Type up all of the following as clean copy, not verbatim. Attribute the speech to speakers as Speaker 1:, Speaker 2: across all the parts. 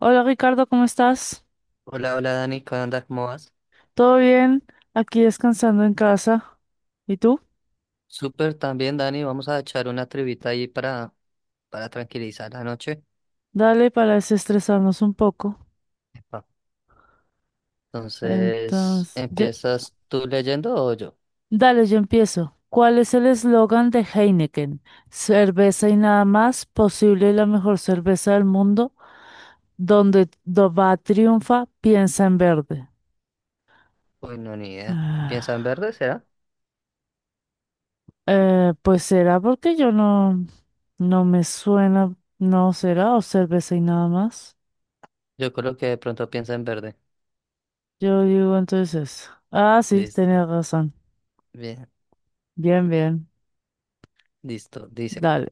Speaker 1: Hola Ricardo, ¿cómo estás?
Speaker 2: Hola, hola Dani, ¿cómo andas? ¿Cómo vas?
Speaker 1: ¿Todo bien? Aquí descansando en casa. ¿Y tú?
Speaker 2: Súper también, Dani, vamos a echar una trivita ahí para tranquilizar la noche.
Speaker 1: Dale para desestresarnos un poco.
Speaker 2: Epa. Entonces,
Speaker 1: Entonces,
Speaker 2: ¿empiezas tú leyendo o yo?
Speaker 1: dale, yo empiezo. ¿Cuál es el eslogan de Heineken? Cerveza y nada más, posible la mejor cerveza del mundo. Donde va triunfa, piensa en verde.
Speaker 2: Uy, no, ni idea. ¿Piensa en
Speaker 1: Ah,
Speaker 2: verde, será?
Speaker 1: pues será porque yo no me suena, no será, o cerveza y nada más.
Speaker 2: Yo creo que de pronto piensa en verde.
Speaker 1: Yo digo entonces, ah, sí, tenía
Speaker 2: Listo.
Speaker 1: razón.
Speaker 2: Bien,
Speaker 1: Bien, bien,
Speaker 2: listo. Dice,
Speaker 1: dale.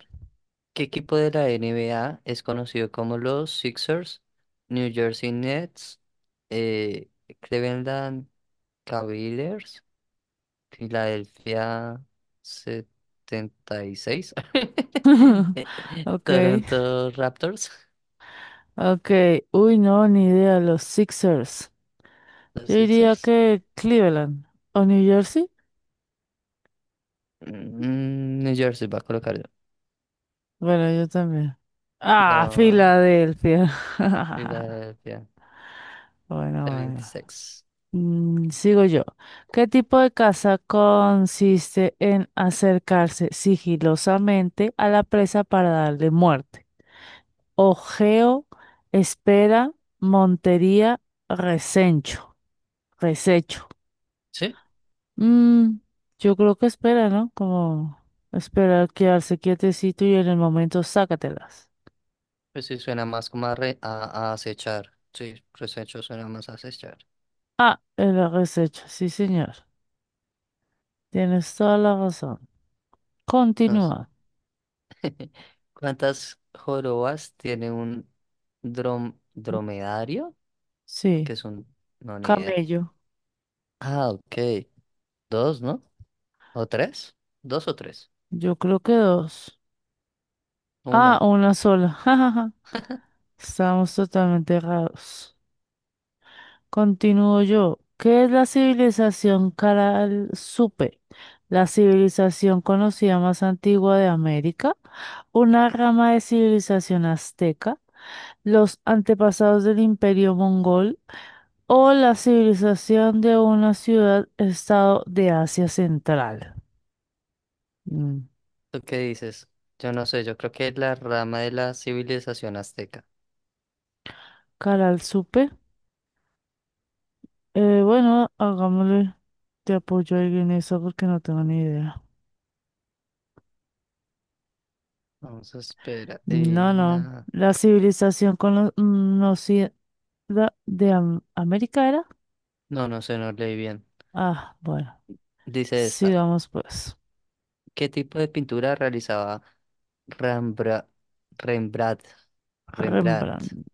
Speaker 2: ¿qué equipo de la NBA es conocido como los Sixers, New Jersey Nets, eh, Cleveland Cavaliers, Filadelfia 76,
Speaker 1: Ok,
Speaker 2: Toronto Raptors?
Speaker 1: ok. Uy, no, ni idea, los Sixers.
Speaker 2: Los
Speaker 1: Yo diría
Speaker 2: Sixers.
Speaker 1: que Cleveland o New Jersey.
Speaker 2: Mm, New Jersey va a colocar yo.
Speaker 1: Bueno, yo también. Ah,
Speaker 2: No,
Speaker 1: Filadelfia.
Speaker 2: Filadelfia
Speaker 1: Bueno,
Speaker 2: setenta y
Speaker 1: bueno.
Speaker 2: seis.
Speaker 1: Sigo yo. ¿Qué tipo de caza consiste en acercarse sigilosamente a la presa para darle muerte? Ojeo, espera, montería, resencho, resecho.
Speaker 2: Sí,
Speaker 1: Mm, yo creo que espera, ¿no? Como esperar, quedarse quietecito y en el momento sácatelas.
Speaker 2: pues sí suena más como a, a acechar. Sí, resecho suena más a acechar.
Speaker 1: Ah, el resecho, sí, señor. Tienes toda la razón.
Speaker 2: Entonces,
Speaker 1: Continúa.
Speaker 2: ¿cuántas jorobas tiene un dromedario?
Speaker 1: Sí,
Speaker 2: Que es un... No, ni idea.
Speaker 1: camello.
Speaker 2: Ah, ok. Dos, ¿no? ¿O tres? ¿Dos o tres?
Speaker 1: Yo creo que dos. Ah,
Speaker 2: Una.
Speaker 1: una sola. Jajaja. Estamos totalmente errados. Continúo yo. ¿Qué es la civilización Caral Supe? La civilización conocida más antigua de América, una rama de civilización azteca, los antepasados del imperio mongol o la civilización de una ciudad-estado de Asia Central. Mm,
Speaker 2: ¿Tú qué dices? Yo no sé, yo creo que es la rama de la civilización azteca.
Speaker 1: Caral Supe. Bueno, hagámosle. Te apoyo ahí en eso porque no tengo ni idea.
Speaker 2: Vamos a esperar. Y
Speaker 1: No, no.
Speaker 2: nada.
Speaker 1: La civilización no, sí, ¿De América era?
Speaker 2: No, no sé, no leí bien.
Speaker 1: Ah, bueno.
Speaker 2: Dice esta.
Speaker 1: Sigamos pues.
Speaker 2: ¿Qué tipo de pintura realizaba Rembra- Rembrandt? Rembrandt.
Speaker 1: Rembrandt.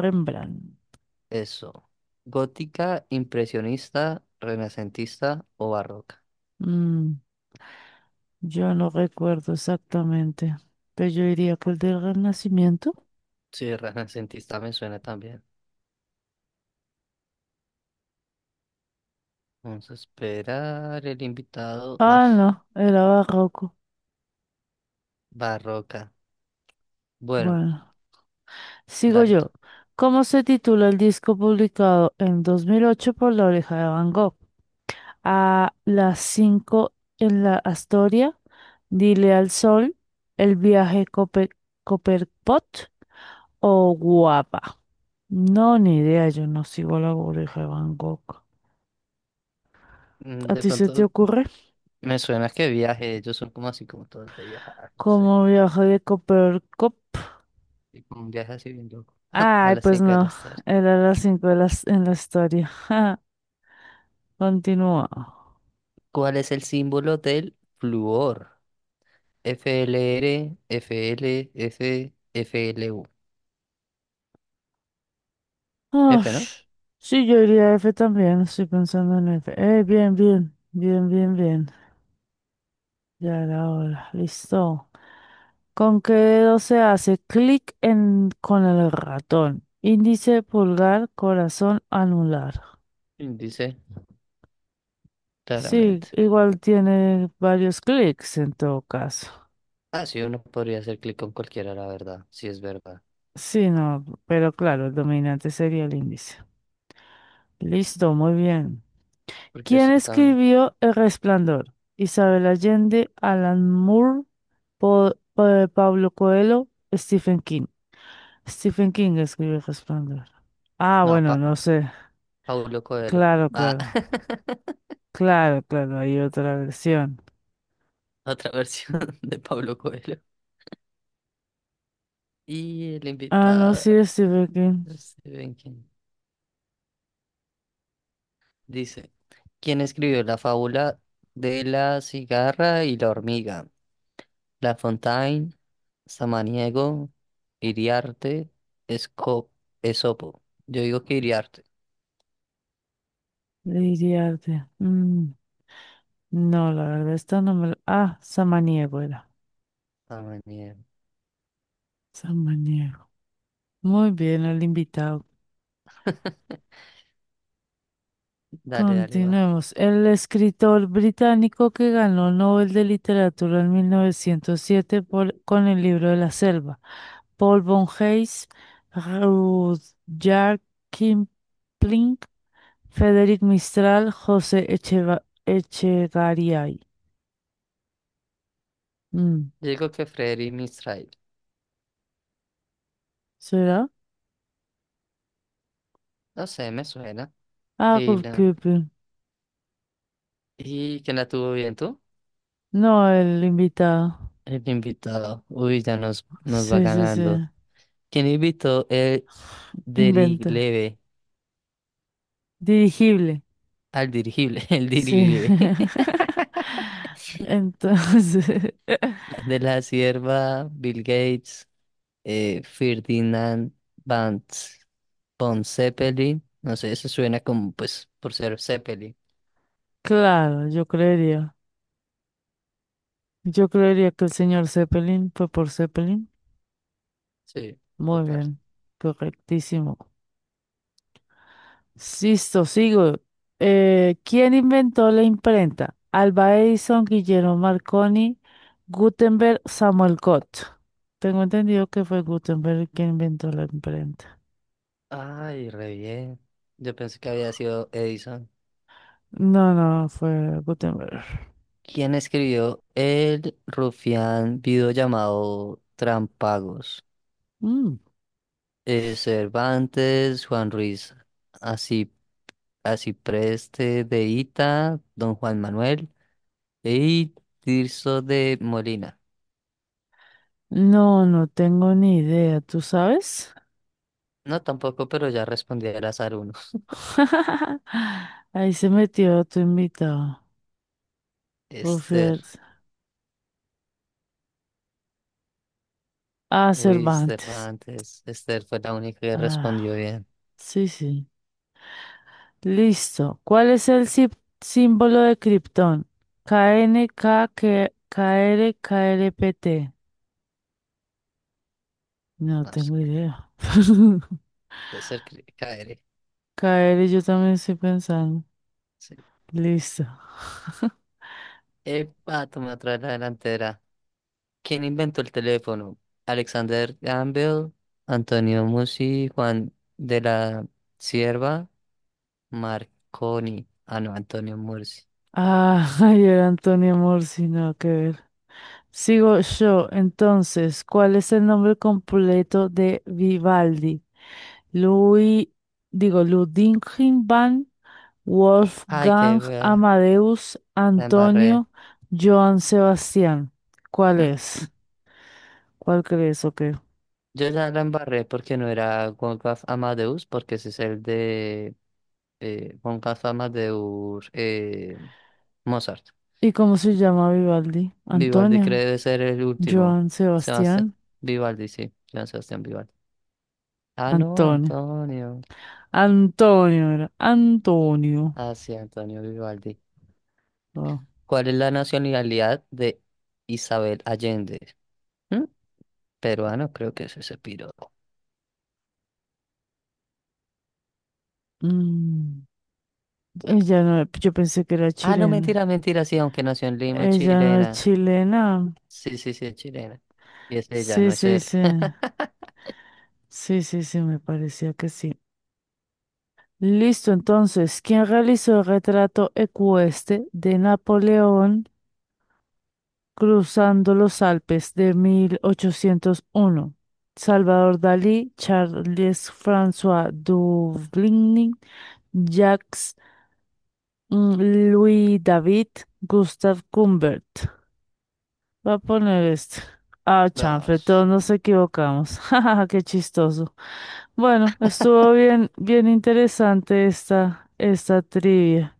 Speaker 1: Rembrandt.
Speaker 2: Eso. ¿Gótica, impresionista, renacentista o barroca?
Speaker 1: Mm, yo no recuerdo exactamente. Pero yo diría que el del Renacimiento.
Speaker 2: Sí, renacentista me suena también. Vamos a esperar el invitado. Ah,
Speaker 1: Ah, no. Era barroco.
Speaker 2: barroca. Bueno.
Speaker 1: Bueno. Sigo
Speaker 2: Dale tú.
Speaker 1: yo. ¿Cómo se titula el disco publicado en 2008 por La Oreja de Van Gogh? A las 5 en la Astoria. Dile al sol. El viaje Cope Copperpot. O guapa. No, ni idea, yo no sigo la burbuja de Van Gogh.
Speaker 2: Mm,
Speaker 1: ¿A
Speaker 2: de
Speaker 1: ti se te
Speaker 2: pronto
Speaker 1: ocurre?
Speaker 2: me suena que viaje, ellos son como así como todos de viajar, no sé.
Speaker 1: ¿Cómo viajó de Coppercup?
Speaker 2: Y como un viaje así bien loco. A
Speaker 1: Ay,
Speaker 2: las
Speaker 1: pues
Speaker 2: 5 de la
Speaker 1: no,
Speaker 2: tarde.
Speaker 1: era las cinco en la historia. Ja, continúa.
Speaker 2: ¿Cuál es el símbolo del flúor? F L R F, L FLU. F, L U. F, ¿no?
Speaker 1: Ush, sí, yo iría a F también, estoy pensando en F. Bien, bien, bien, bien, bien. Ya era hora, listo. ¿Con qué dedo se hace clic con el ratón? Índice, pulgar, corazón, anular.
Speaker 2: Índice,
Speaker 1: Sí,
Speaker 2: claramente.
Speaker 1: igual tiene varios clics en todo caso.
Speaker 2: Ah, sí, uno podría hacer clic con cualquiera, la verdad, si es verdad.
Speaker 1: Sí, no, pero claro, el dominante sería el índice. Listo, muy bien.
Speaker 2: Porque
Speaker 1: ¿Quién
Speaker 2: si también.
Speaker 1: escribió El Resplandor? Isabel Allende, Alan Moore, Pablo Coelho, Stephen King. Stephen King escribió El Resplandor. Ah,
Speaker 2: No,
Speaker 1: bueno,
Speaker 2: pa
Speaker 1: no sé.
Speaker 2: Paulo Coelho.
Speaker 1: Claro,
Speaker 2: Ah,
Speaker 1: claro. Claro, claro, hay otra versión.
Speaker 2: otra versión de Pablo Coelho. Y el
Speaker 1: Ah, no,
Speaker 2: invitado.
Speaker 1: sí, Stephen King.
Speaker 2: No sé bien quién. Dice, ¿quién escribió la fábula de la cigarra y la hormiga? La Fontaine, Samaniego, Iriarte, Esco- Esopo. Yo digo que Iriarte.
Speaker 1: Lady Arte. Mm. No, la verdad, esta no me lo... Ah, Samaniego era.
Speaker 2: Samaniego.
Speaker 1: Samaniego. Muy bien, el invitado.
Speaker 2: Dale, dale, va.
Speaker 1: Continuemos. El escritor británico que ganó el Nobel de Literatura en 1907 con el libro de la selva. Paul von Hayes, Rudyard Kipling, Frederic Mistral, José Echegaray. Mm,
Speaker 2: Yo digo que Freddy Mistral.
Speaker 1: ¿Será?
Speaker 2: No sé, me suena.
Speaker 1: Ah,
Speaker 2: Y
Speaker 1: Rudyard
Speaker 2: nada.
Speaker 1: Kipling.
Speaker 2: ¿Y quién la tuvo bien tú?
Speaker 1: No, el invitado.
Speaker 2: El invitado. Uy, ya nos va
Speaker 1: Sí, sí,
Speaker 2: ganando.
Speaker 1: sí.
Speaker 2: ¿Quién invitó el
Speaker 1: Inventa.
Speaker 2: dirigible?
Speaker 1: Dirigible.
Speaker 2: Al dirigible, el
Speaker 1: Sí.
Speaker 2: dirigible.
Speaker 1: Entonces,
Speaker 2: De la Sierva, Bill Gates, Ferdinand Van, von Zeppelin. No sé, eso suena como, pues, por ser Zeppelin.
Speaker 1: claro, yo creería. Yo creería que el señor Zeppelin fue por Zeppelin.
Speaker 2: Sí,
Speaker 1: Muy
Speaker 2: total.
Speaker 1: bien. Correctísimo. Listo, sigo. ¿Quién inventó la imprenta? Alba Edison, Guillermo Marconi, Gutenberg, Samuel Cott. Tengo entendido que fue Gutenberg quien inventó la imprenta.
Speaker 2: Ay, re bien. Yo pensé que había sido Edison.
Speaker 1: No, no, fue Gutenberg.
Speaker 2: ¿Quién escribió el rufián video llamado Trampagos?
Speaker 1: Mm.
Speaker 2: Cervantes, Juan Ruiz, así, así preste de Ita, Don Juan Manuel y Tirso de Molina.
Speaker 1: No, no tengo ni idea, ¿tú sabes?
Speaker 2: No, tampoco, pero ya respondí al azar uno.
Speaker 1: Ahí se metió tu invitado.
Speaker 2: Esther.
Speaker 1: Buffett. Ah,
Speaker 2: Uy,
Speaker 1: Cervantes.
Speaker 2: Cervantes. Esther fue la única que respondió
Speaker 1: Ah,
Speaker 2: bien.
Speaker 1: sí, sí. Listo. ¿Cuál es el símbolo de Krypton? KNK, KR, KRPT. No
Speaker 2: No sé,
Speaker 1: tengo idea.
Speaker 2: de ser que caeré.
Speaker 1: K R. Yo también estoy pensando.
Speaker 2: Sí.
Speaker 1: Listo.
Speaker 2: Epa, toma otra la delantera. ¿Quién inventó el teléfono? Alexander Gamble, Antonio Musi, Juan de la Sierva, Marconi. Ah, no, Antonio Mursi.
Speaker 1: Ah, ayer Antonio Morsi, no, que ver. Sigo yo, entonces, ¿cuál es el nombre completo de Vivaldi? Louis, digo, Ludwig van
Speaker 2: Ay, qué
Speaker 1: Wolfgang
Speaker 2: wea.
Speaker 1: Amadeus
Speaker 2: La embarré.
Speaker 1: Antonio Johann Sebastián. ¿Cuál es? ¿Cuál crees o qué?
Speaker 2: Yo ya la embarré porque no era Wolfgang Amadeus, porque ese es el de con la fama de Mozart.
Speaker 1: ¿Y cómo se llama Vivaldi?
Speaker 2: Vivaldi
Speaker 1: Antonio,
Speaker 2: cree de ser el último.
Speaker 1: Johann
Speaker 2: Sebastián
Speaker 1: Sebastián,
Speaker 2: Vivaldi, sí, Joan Sebastián Vivaldi. Ah, no,
Speaker 1: Antonio.
Speaker 2: Antonio.
Speaker 1: Antonio era, Antonio.
Speaker 2: Ah, sí, Antonio Vivaldi.
Speaker 1: Ah,
Speaker 2: ¿Cuál es la nacionalidad de Isabel Allende? ¿Mm? Peruano, creo que es ese piro.
Speaker 1: mm, ella no, yo pensé que era
Speaker 2: Ah, no,
Speaker 1: chilena.
Speaker 2: mentira, mentira, sí, aunque nació en Lima,
Speaker 1: Ella no es
Speaker 2: chilena.
Speaker 1: chilena.
Speaker 2: Sí, sí, sí, es chilena. Y es ella,
Speaker 1: Sí,
Speaker 2: no es
Speaker 1: sí,
Speaker 2: él.
Speaker 1: sí. Sí, sí, sí, me parecía que sí. Listo, entonces, ¿quién realizó el retrato ecuestre de Napoleón cruzando los Alpes de 1801? Salvador Dalí, Charles François Duvigny, Jacques mm, Louis David, Gustave Cumbert. Voy a poner esto. Ah, chanfle,
Speaker 2: Dos.
Speaker 1: todos nos equivocamos. Jajaja, qué chistoso. Bueno, estuvo bien, bien interesante esta trivia.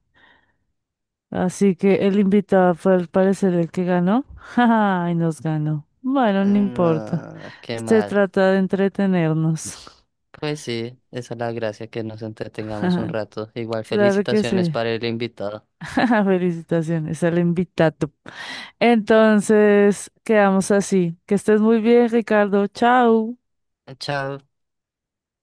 Speaker 1: Así que el invitado fue al parecer el que ganó. Jaja, y nos ganó. Bueno, no importa.
Speaker 2: No, qué
Speaker 1: Este
Speaker 2: mal.
Speaker 1: trata de entretenernos.
Speaker 2: Pues sí, esa es la gracia, que nos entretengamos un rato. Igual
Speaker 1: Claro que
Speaker 2: felicitaciones
Speaker 1: sí.
Speaker 2: para el invitado.
Speaker 1: Felicitaciones al invitado. Entonces, quedamos así. Que estés muy bien, Ricardo. Chao.
Speaker 2: Chao.